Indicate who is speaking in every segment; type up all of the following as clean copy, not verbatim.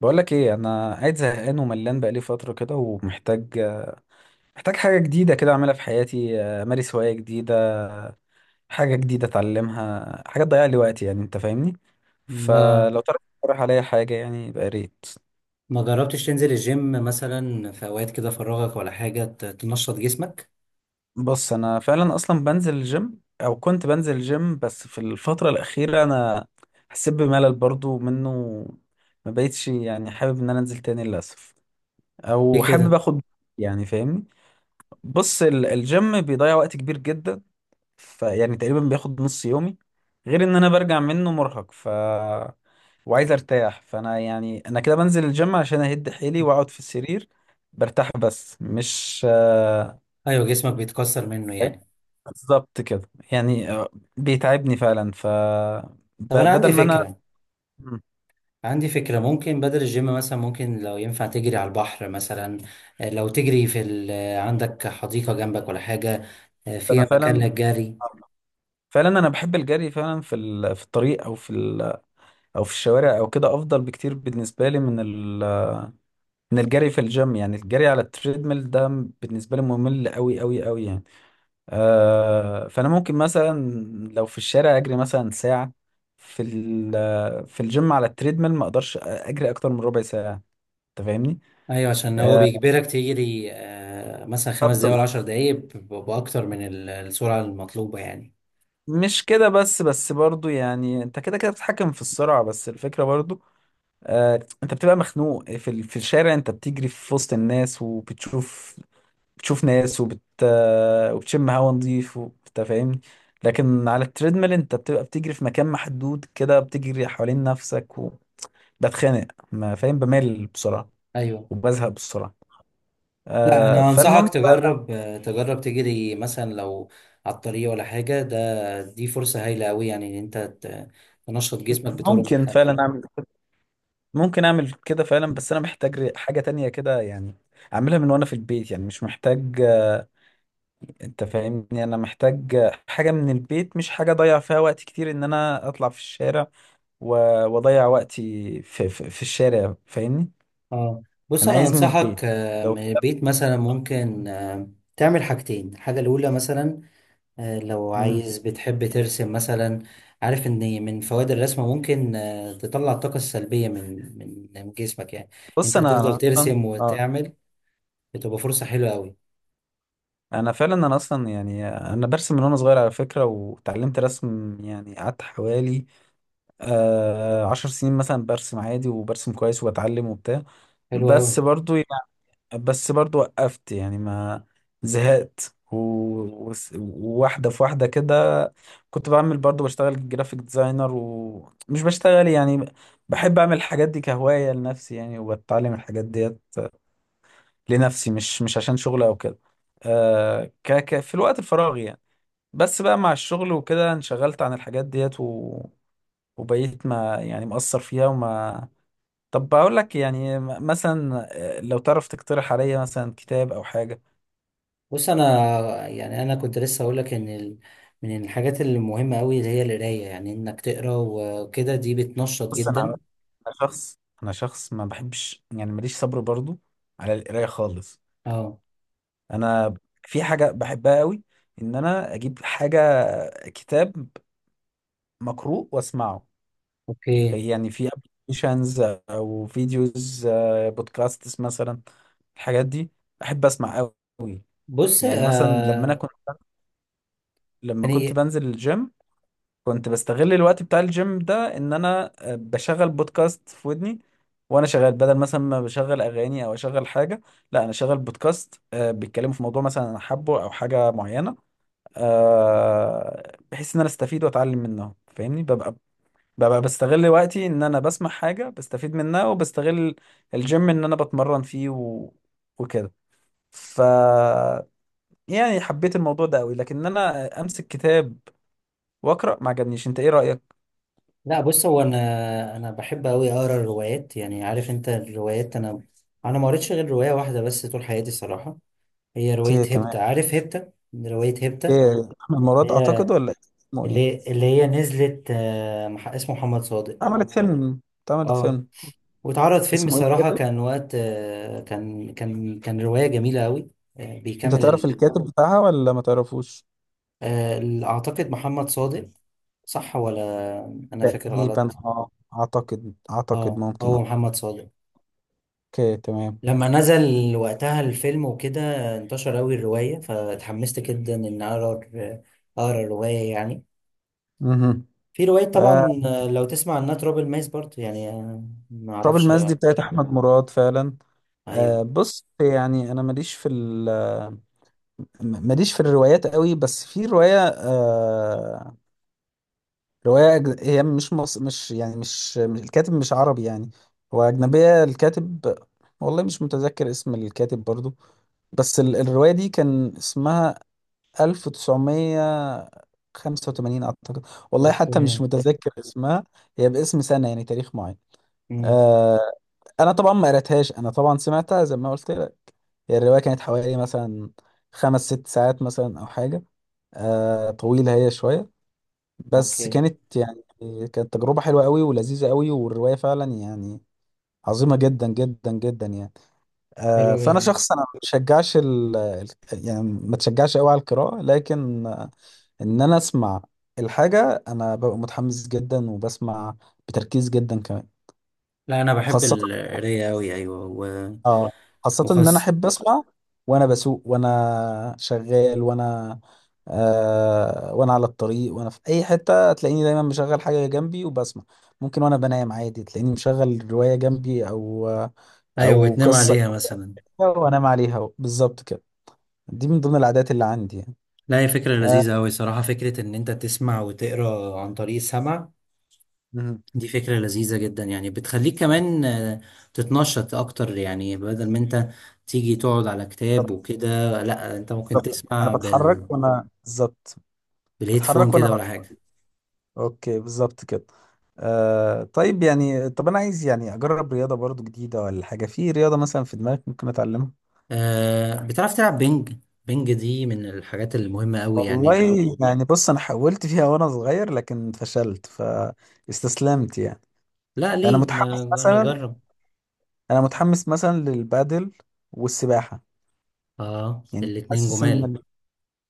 Speaker 1: بقولك ايه، انا قاعد زهقان وملان بقالي فتره كده، ومحتاج حاجه جديده كده اعملها في حياتي. امارس هوايه جديده، حاجه جديده اتعلمها، حاجه تضيع لي وقتي. يعني انت فاهمني،
Speaker 2: ما
Speaker 1: فلو تعرف تقترح عليا حاجه يعني يبقى يا ريت.
Speaker 2: ما جربتش تنزل الجيم مثلا في اوقات كده فراغك ولا حاجه تنشط جسمك؟
Speaker 1: بص، انا فعلا اصلا بنزل الجيم، او كنت بنزل الجيم، بس في الفتره الاخيره انا حسيت بملل برضو منه. ما بقيتش يعني حابب ان انا انزل تاني للاسف، او
Speaker 2: ليه
Speaker 1: حابب
Speaker 2: كده؟
Speaker 1: اخد، يعني فاهمني. بص، الجيم بيضيع وقت كبير جدا، فيعني تقريبا بياخد نص يومي، غير ان انا برجع منه مرهق، وعايز ارتاح. فانا يعني انا كده بنزل الجيم عشان اهد حيلي واقعد في السرير برتاح، بس مش
Speaker 2: ايوه، جسمك بيتكسر منه يعني.
Speaker 1: بالظبط كده يعني، بيتعبني فعلا.
Speaker 2: طب انا عندي
Speaker 1: بدل ما انا
Speaker 2: فكره
Speaker 1: مم.
Speaker 2: عندي فكره ممكن بدل الجيم مثلا، ممكن لو ينفع تجري على البحر مثلا. لو تجري في ال... آه، عندك حديقه جنبك ولا حاجه
Speaker 1: انا
Speaker 2: فيها مكان
Speaker 1: فعلا،
Speaker 2: للجري؟
Speaker 1: فعلا انا بحب الجري فعلا في في الطريق، او في او في الشوارع او كده، افضل بكتير بالنسبه لي من من الجري في الجيم، يعني الجري على التريدميل ده بالنسبه لي ممل قوي قوي قوي يعني. فانا ممكن مثلا لو في الشارع اجري مثلا ساعه، في في الجيم على التريدميل ما اقدرش اجري اكتر من ربع ساعه. انت فاهمني؟
Speaker 2: ايوه، عشان هو
Speaker 1: آه،
Speaker 2: بيجبرك تجري مثلا 5 دقايق ولا
Speaker 1: طب
Speaker 2: 10 دقايق باكتر من السرعه المطلوبه يعني.
Speaker 1: مش كده بس، بس برضو يعني انت كده كده بتتحكم في السرعه، بس الفكره برضو انت بتبقى مخنوق. في في الشارع انت بتجري في وسط الناس، وبتشوف ناس، وبتشم هوا نظيف انت فاهمني. لكن على التريدميل انت بتبقى بتجري في مكان محدود كده، بتجري حوالين نفسك، بتخانق، ما فاهم، بمل بسرعة
Speaker 2: ايوه.
Speaker 1: وبزهق بسرعة.
Speaker 2: لا،
Speaker 1: آه،
Speaker 2: انا انصحك
Speaker 1: فالمهم
Speaker 2: تجرب تجري مثلا لو على الطريق ولا حاجه. دي فرصه هايله قوي، يعني ان انت تنشط جسمك بطرق
Speaker 1: ممكن فعلا
Speaker 2: مختلفه.
Speaker 1: اعمل، ممكن اعمل كده فعلا، بس انا محتاج حاجة تانية كده يعني، اعملها من وانا في البيت. يعني مش محتاج انت فاهمني، انا محتاج حاجة من البيت، مش حاجة اضيع فيها وقت كتير ان انا اطلع في الشارع و- واضيع وقتي في الشارع، فاهمني؟
Speaker 2: اه. بص
Speaker 1: انا
Speaker 2: انا
Speaker 1: عايز من البيت
Speaker 2: انصحك
Speaker 1: لو
Speaker 2: من البيت مثلا، ممكن تعمل حاجتين. الحاجه الاولى مثلا، لو
Speaker 1: مم.
Speaker 2: عايز بتحب ترسم مثلا. عارف ان من فوائد الرسم ممكن تطلع الطاقه السلبيه من جسمك يعني.
Speaker 1: بص
Speaker 2: انت هتفضل
Speaker 1: انا
Speaker 2: ترسم
Speaker 1: اه
Speaker 2: وتعمل، بتبقى فرصه حلوه قوي.
Speaker 1: انا فعلا، انا اصلا يعني انا برسم من وانا صغير على فكره، وتعلمت رسم يعني قعدت حوالي آه عشر سنين مثلا، برسم عادي وبرسم كويس وبتعلم وبتاع.
Speaker 2: حلوه قوي.
Speaker 1: بس برضو يعني، بس برضو وقفت يعني ما، زهقت وواحده في واحده كده. كنت بعمل برضو بشتغل جرافيك ديزاينر، ومش بشتغل يعني، بحب اعمل الحاجات دي كهوايه لنفسي يعني، وبتعلم الحاجات ديت لنفسي، مش عشان شغل او كده. آه، ك ك في الوقت الفراغ يعني. بس بقى مع الشغل وكده انشغلت عن الحاجات ديت و... وبقيت ما يعني مقصر فيها وما، طب بقول لك يعني مثلا لو تعرف تقترح عليا مثلا كتاب او حاجه.
Speaker 2: بص، انا يعني انا كنت لسه اقول لك ان من الحاجات المهمه قوي اللي هي القرايه، يعني انك تقرا وكده دي بتنشط
Speaker 1: بص انا،
Speaker 2: جدا.
Speaker 1: أنا شخص انا شخص ما بحبش يعني، ماليش صبر برضو على القرايه خالص.
Speaker 2: اه.
Speaker 1: انا في حاجه بحبها قوي، ان انا اجيب حاجه، كتاب مقروء واسمعه.
Speaker 2: اوكي.
Speaker 1: يعني في ابلكيشنز او فيديوز، بودكاستس مثلا، الحاجات دي بحب اسمع قوي.
Speaker 2: بص.
Speaker 1: يعني مثلا لما انا كنت، لما كنت
Speaker 2: يعني،
Speaker 1: بنزل الجيم كنت بستغل الوقت بتاع الجيم ده ان انا بشغل بودكاست في ودني وانا شغال، بدل مثلا ما بشغل اغاني او اشغل حاجه، لا انا شغال بودكاست بيتكلموا في موضوع مثلا انا حابه او حاجه معينه، بحيث ان انا استفيد واتعلم منهم. فاهمني؟ ببقى، ببقى بستغل وقتي ان انا بسمع حاجة بستفيد منها، وبستغل الجيم ان انا بتمرن فيه و... وكده. ف يعني حبيت الموضوع ده قوي، لكن انا امسك كتاب واقرا ما عجبنيش. انت ايه رأيك؟
Speaker 2: لا، بص، هو انا بحب قوي اقرا الروايات، يعني عارف انت الروايات؟ انا ما قريتش غير روايه واحده بس طول حياتي صراحه. هي روايه
Speaker 1: اوكي تمام.
Speaker 2: هيبتا. عارف هيبتا؟ روايه هيبتا
Speaker 1: ايه، احمد مراد
Speaker 2: اللي
Speaker 1: اعتقد
Speaker 2: هي
Speaker 1: ولا إيه؟ اسمه
Speaker 2: اللي
Speaker 1: ايه؟
Speaker 2: هي اللي هي نزلت. اسمه محمد صادق.
Speaker 1: عملت فيلم، اتعملت
Speaker 2: اه.
Speaker 1: فيلم.
Speaker 2: واتعرض فيلم
Speaker 1: اسمه ايه
Speaker 2: صراحة،
Speaker 1: الكاتب؟
Speaker 2: كان وقت، كان رواية جميلة أوي. آه،
Speaker 1: انت
Speaker 2: بيكمل
Speaker 1: تعرف
Speaker 2: ال...
Speaker 1: الكاتب بتاعها ولا ما تعرفوش؟
Speaker 2: آه، ال- أعتقد محمد صادق. صح ولا أنا فاكر
Speaker 1: تقريبا
Speaker 2: غلط؟
Speaker 1: اه، اعتقد، اعتقد
Speaker 2: اه،
Speaker 1: ممكن.
Speaker 2: هو محمد صادق.
Speaker 1: اوكي تمام.
Speaker 2: لما نزل وقتها الفيلم وكده انتشر أوي الرواية، فاتحمست جدا إن أقرأ الرواية يعني.
Speaker 1: اها.
Speaker 2: في رواية
Speaker 1: آه،
Speaker 2: طبعا، لو تسمع عنها، تراب الماس برضه، يعني ما
Speaker 1: تراب
Speaker 2: أعرفش
Speaker 1: الماس دي بتاعت احمد مراد فعلا.
Speaker 2: أيوه.
Speaker 1: بص يعني انا ماليش في ال، ماليش في الروايات قوي، بس في روايه آه، روايه هي مش يعني الكاتب مش عربي يعني، هو اجنبيه الكاتب. والله مش متذكر اسم الكاتب برضو، بس ال... الروايه دي كان اسمها 1985 اعتقد، والله حتى مش
Speaker 2: أوكي.
Speaker 1: متذكر اسمها، هي باسم سنه يعني تاريخ معين.
Speaker 2: مم.
Speaker 1: آه، انا طبعا ما قريتهاش، انا طبعا سمعتها زي ما قلت لك. هي الرواية كانت حوالي مثلا خمس ست ساعات مثلا أو حاجة، آه طويلة هي شوية، بس
Speaker 2: أوكي.
Speaker 1: كانت يعني، كانت تجربة حلوة قوي ولذيذة قوي، والرواية فعلا يعني عظيمة جدا جدا جدا يعني. آه،
Speaker 2: حلو
Speaker 1: فأنا
Speaker 2: جدا.
Speaker 1: شخص أنا ما بشجعش يعني ما تشجعش قوي على القراءة، لكن إن أنا أسمع الحاجة أنا ببقى متحمس جدا، وبسمع بتركيز جدا كمان.
Speaker 2: لا، انا بحب
Speaker 1: وخاصة
Speaker 2: القرايه قوي. ايوه،
Speaker 1: اه، خاصة ان انا
Speaker 2: وخاصه.
Speaker 1: احب اسمع وانا بسوق وانا شغال وانا آه وانا على الطريق، وانا في اي حتة تلاقيني دايما مشغل حاجة جنبي وبسمع. ممكن وانا بنام عادي تلاقيني مشغل رواية جنبي، او
Speaker 2: ايوه،
Speaker 1: او
Speaker 2: وتنام
Speaker 1: قصة
Speaker 2: عليها مثلا.
Speaker 1: كده وانام عليها، بالظبط كده. دي من ضمن العادات اللي عندي يعني.
Speaker 2: لا، هي فكره
Speaker 1: آه،
Speaker 2: لذيذه قوي صراحه، فكره ان انت تسمع وتقرا عن طريق السمع.
Speaker 1: مهم.
Speaker 2: دي فكره لذيذه جدا، يعني بتخليك كمان تتنشط اكتر، يعني بدل ما انت تيجي تقعد على كتاب وكده، لا انت ممكن
Speaker 1: بالظبط، انا
Speaker 2: تسمع
Speaker 1: بتحرك وانا، بالظبط
Speaker 2: بالهيدفون
Speaker 1: بتحرك
Speaker 2: كده
Speaker 1: وانا
Speaker 2: ولا حاجه.
Speaker 1: اوكي بالظبط كده. آه طيب يعني، طب انا عايز يعني اجرب رياضه برضو جديده، ولا حاجه في رياضه مثلا في دماغك ممكن اتعلمها؟
Speaker 2: أه، بتعرف تلعب بينج؟ بينج دي من الحاجات المهمه قوي
Speaker 1: والله
Speaker 2: يعني.
Speaker 1: يعني، بص انا حاولت فيها وانا صغير لكن فشلت فاستسلمت يعني.
Speaker 2: لا،
Speaker 1: انا
Speaker 2: ليه؟
Speaker 1: متحمس مثلا،
Speaker 2: نجرب.
Speaker 1: انا متحمس مثلا للبادل والسباحه.
Speaker 2: اه،
Speaker 1: يعني
Speaker 2: الاتنين
Speaker 1: حاسس
Speaker 2: جمال.
Speaker 1: ان،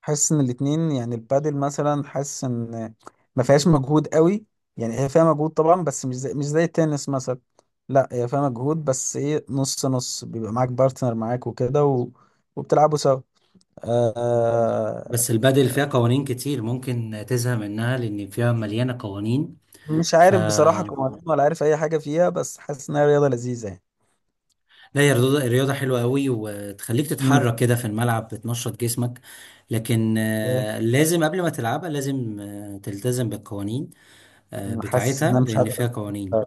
Speaker 1: حاسس ان الاتنين، يعني البادل مثلا حاسس ان ما فيهاش مجهود قوي، يعني هي فيها مجهود طبعا بس مش زي، مش زي التنس مثلا، لا هي فيها مجهود بس ايه، نص نص، بيبقى معاك بارتنر معاك وكده و... وبتلعبوا سوا. آه...
Speaker 2: بس البادل فيها قوانين كتير، ممكن تزهق منها لأن فيها مليانة قوانين.
Speaker 1: مش
Speaker 2: ف
Speaker 1: عارف بصراحة قوانين، ولا عارف اي حاجة فيها، بس حاسس انها رياضة لذيذة يعني.
Speaker 2: لا، هي رياضة حلوة قوي وتخليك
Speaker 1: مم.
Speaker 2: تتحرك كده في الملعب، بتنشط جسمك. لكن
Speaker 1: إيه،
Speaker 2: لازم قبل ما تلعبها لازم تلتزم بالقوانين
Speaker 1: أنا حاسس ان
Speaker 2: بتاعتها
Speaker 1: انا مش
Speaker 2: لأن فيها
Speaker 1: هقدر.
Speaker 2: قوانين.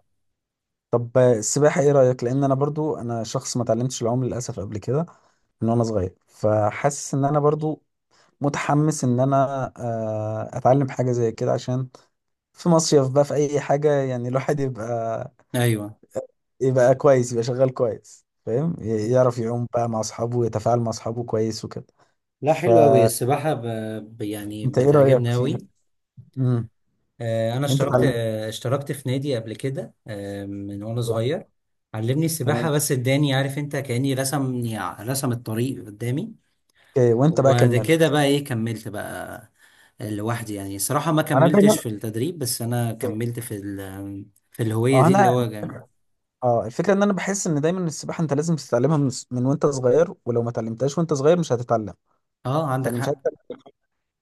Speaker 1: طب السباحة ايه رأيك؟ لان انا برضو انا شخص ما اتعلمتش العوم للاسف قبل كده من وانا صغير، فحاسس ان انا برضو متحمس ان انا اتعلم حاجه زي كده، عشان في مصيف بقى في اي حاجه يعني، الواحد يبقى،
Speaker 2: أيوة.
Speaker 1: يبقى كويس، يبقى شغال كويس فاهم، يعرف يعوم بقى مع اصحابه، ويتفاعل مع اصحابه كويس وكده.
Speaker 2: لا، حلوة قوي
Speaker 1: فانت
Speaker 2: السباحة، يعني
Speaker 1: ايه رايك
Speaker 2: بتعجبني قوي.
Speaker 1: فيها؟ امم.
Speaker 2: انا
Speaker 1: انت
Speaker 2: اشتركت،
Speaker 1: اتعلمت؟
Speaker 2: اشتركت في نادي قبل كده من وانا
Speaker 1: لا
Speaker 2: صغير.
Speaker 1: بقى.
Speaker 2: علمني السباحه،
Speaker 1: تمام.
Speaker 2: بس اداني عارف انت، كاني رسمني رسم الطريق قدامي.
Speaker 1: اوكي وانت بقى
Speaker 2: وبعد
Speaker 1: كملت؟
Speaker 2: كده بقى، ايه، كملت بقى لوحدي، يعني الصراحه ما
Speaker 1: انا
Speaker 2: كملتش
Speaker 1: دايما.
Speaker 2: في التدريب، بس انا
Speaker 1: أوكي.
Speaker 2: كملت في الهويه
Speaker 1: اه
Speaker 2: دي اللي هو
Speaker 1: انا،
Speaker 2: جميل.
Speaker 1: اه الفكره ان انا بحس ان دايما السباحه انت لازم تتعلمها من وانت صغير، ولو ما اتعلمتهاش وانت صغير مش هتتعلم.
Speaker 2: اه، عندك
Speaker 1: فانا مش عارف،
Speaker 2: حق.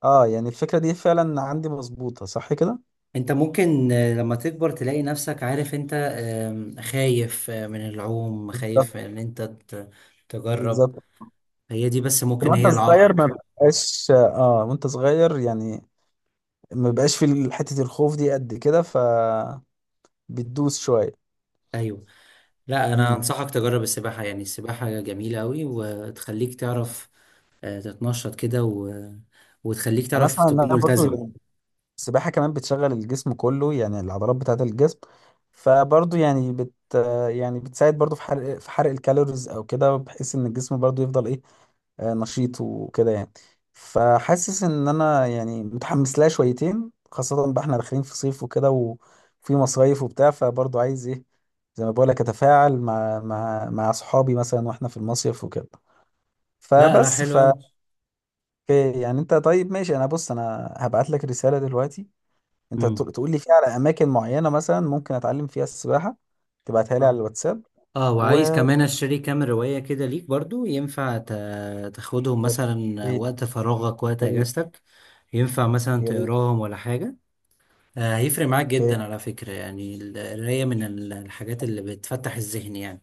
Speaker 1: اه يعني الفكره دي فعلا عندي مظبوطه صح كده.
Speaker 2: انت ممكن لما تكبر تلاقي نفسك عارف انت، خايف من العوم،
Speaker 1: بالظبط.
Speaker 2: خايف ان انت تجرب.
Speaker 1: بالظبط
Speaker 2: هي دي بس، ممكن
Speaker 1: وانت
Speaker 2: هي
Speaker 1: طفل صغير ما
Speaker 2: العائق.
Speaker 1: بقاش، اه وانت صغير يعني ما بقاش في حتة الخوف دي قد كده، فبتدوس شوية.
Speaker 2: ايوه. لا، انا
Speaker 1: مم.
Speaker 2: انصحك تجرب السباحه، يعني السباحه جميله قوي وتخليك تعرف تتنشط كده وتخليك
Speaker 1: انا
Speaker 2: تعرف
Speaker 1: اسمع
Speaker 2: تكون
Speaker 1: انها
Speaker 2: ملتزم.
Speaker 1: برضو السباحة كمان بتشغل الجسم كله، يعني العضلات بتاعة الجسم، فبرضو يعني بت، يعني بتساعد برضو في حرق، في حرق الكالوريز او كده، بحيث ان الجسم برضو يفضل ايه نشيط وكده يعني. فحاسس ان انا يعني متحمس لها شويتين، خاصة بقى احنا داخلين في صيف وكده وفي مصايف وبتاع، فبرضه عايز ايه، زي ما بقولك اتفاعل مع مع صحابي مثلا واحنا في المصيف وكده.
Speaker 2: لا لا،
Speaker 1: فبس
Speaker 2: حلو
Speaker 1: ف،
Speaker 2: قوي.
Speaker 1: أوكي، يعني انت طيب ماشي. انا بص، انا هبعت لك رسالة دلوقتي، انت
Speaker 2: امم.
Speaker 1: تقول لي فيها على اماكن معينة مثلا ممكن اتعلم فيها السباحة، تبعتها لي على
Speaker 2: اه
Speaker 1: الواتساب.
Speaker 2: اه،
Speaker 1: و
Speaker 2: وعايز
Speaker 1: يا
Speaker 2: كمان اشتري كام روايه كده ليك برضو، ينفع تاخدهم مثلا
Speaker 1: ريت،
Speaker 2: وقت فراغك، وقت
Speaker 1: يا ريت،
Speaker 2: اجازتك؟ ينفع مثلا
Speaker 1: يا ريت.
Speaker 2: تقراهم ولا حاجه. هيفرق معاك
Speaker 1: اوكي
Speaker 2: جدا على فكره، يعني القرايه من الحاجات اللي بتفتح الذهن يعني.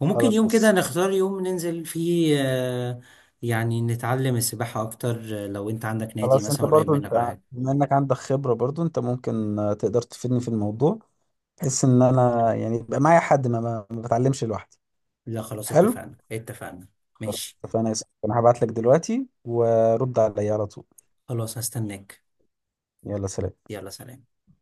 Speaker 2: وممكن
Speaker 1: خلاص.
Speaker 2: يوم
Speaker 1: بص
Speaker 2: كده نختار يوم ننزل فيه، يعني نتعلم السباحة أكتر، لو أنت عندك نادي
Speaker 1: خلاص، انت
Speaker 2: مثلا قريب
Speaker 1: برضو،
Speaker 2: منك ولا
Speaker 1: انت
Speaker 2: حاجة.
Speaker 1: بما انك عندك خبرة برضو انت ممكن تقدر تفيدني في الموضوع، بحيث ان انا يعني يبقى معايا حد، ما بتعلمش لوحدي.
Speaker 2: لا خلاص،
Speaker 1: حلو
Speaker 2: اتفقنا اتفقنا.
Speaker 1: خلاص،
Speaker 2: ماشي.
Speaker 1: اتفقنا يا سيدي. انا هبعت لك دلوقتي ورد عليا على طول.
Speaker 2: خلاص، هستناك.
Speaker 1: يلا سلام.
Speaker 2: يلا سلام.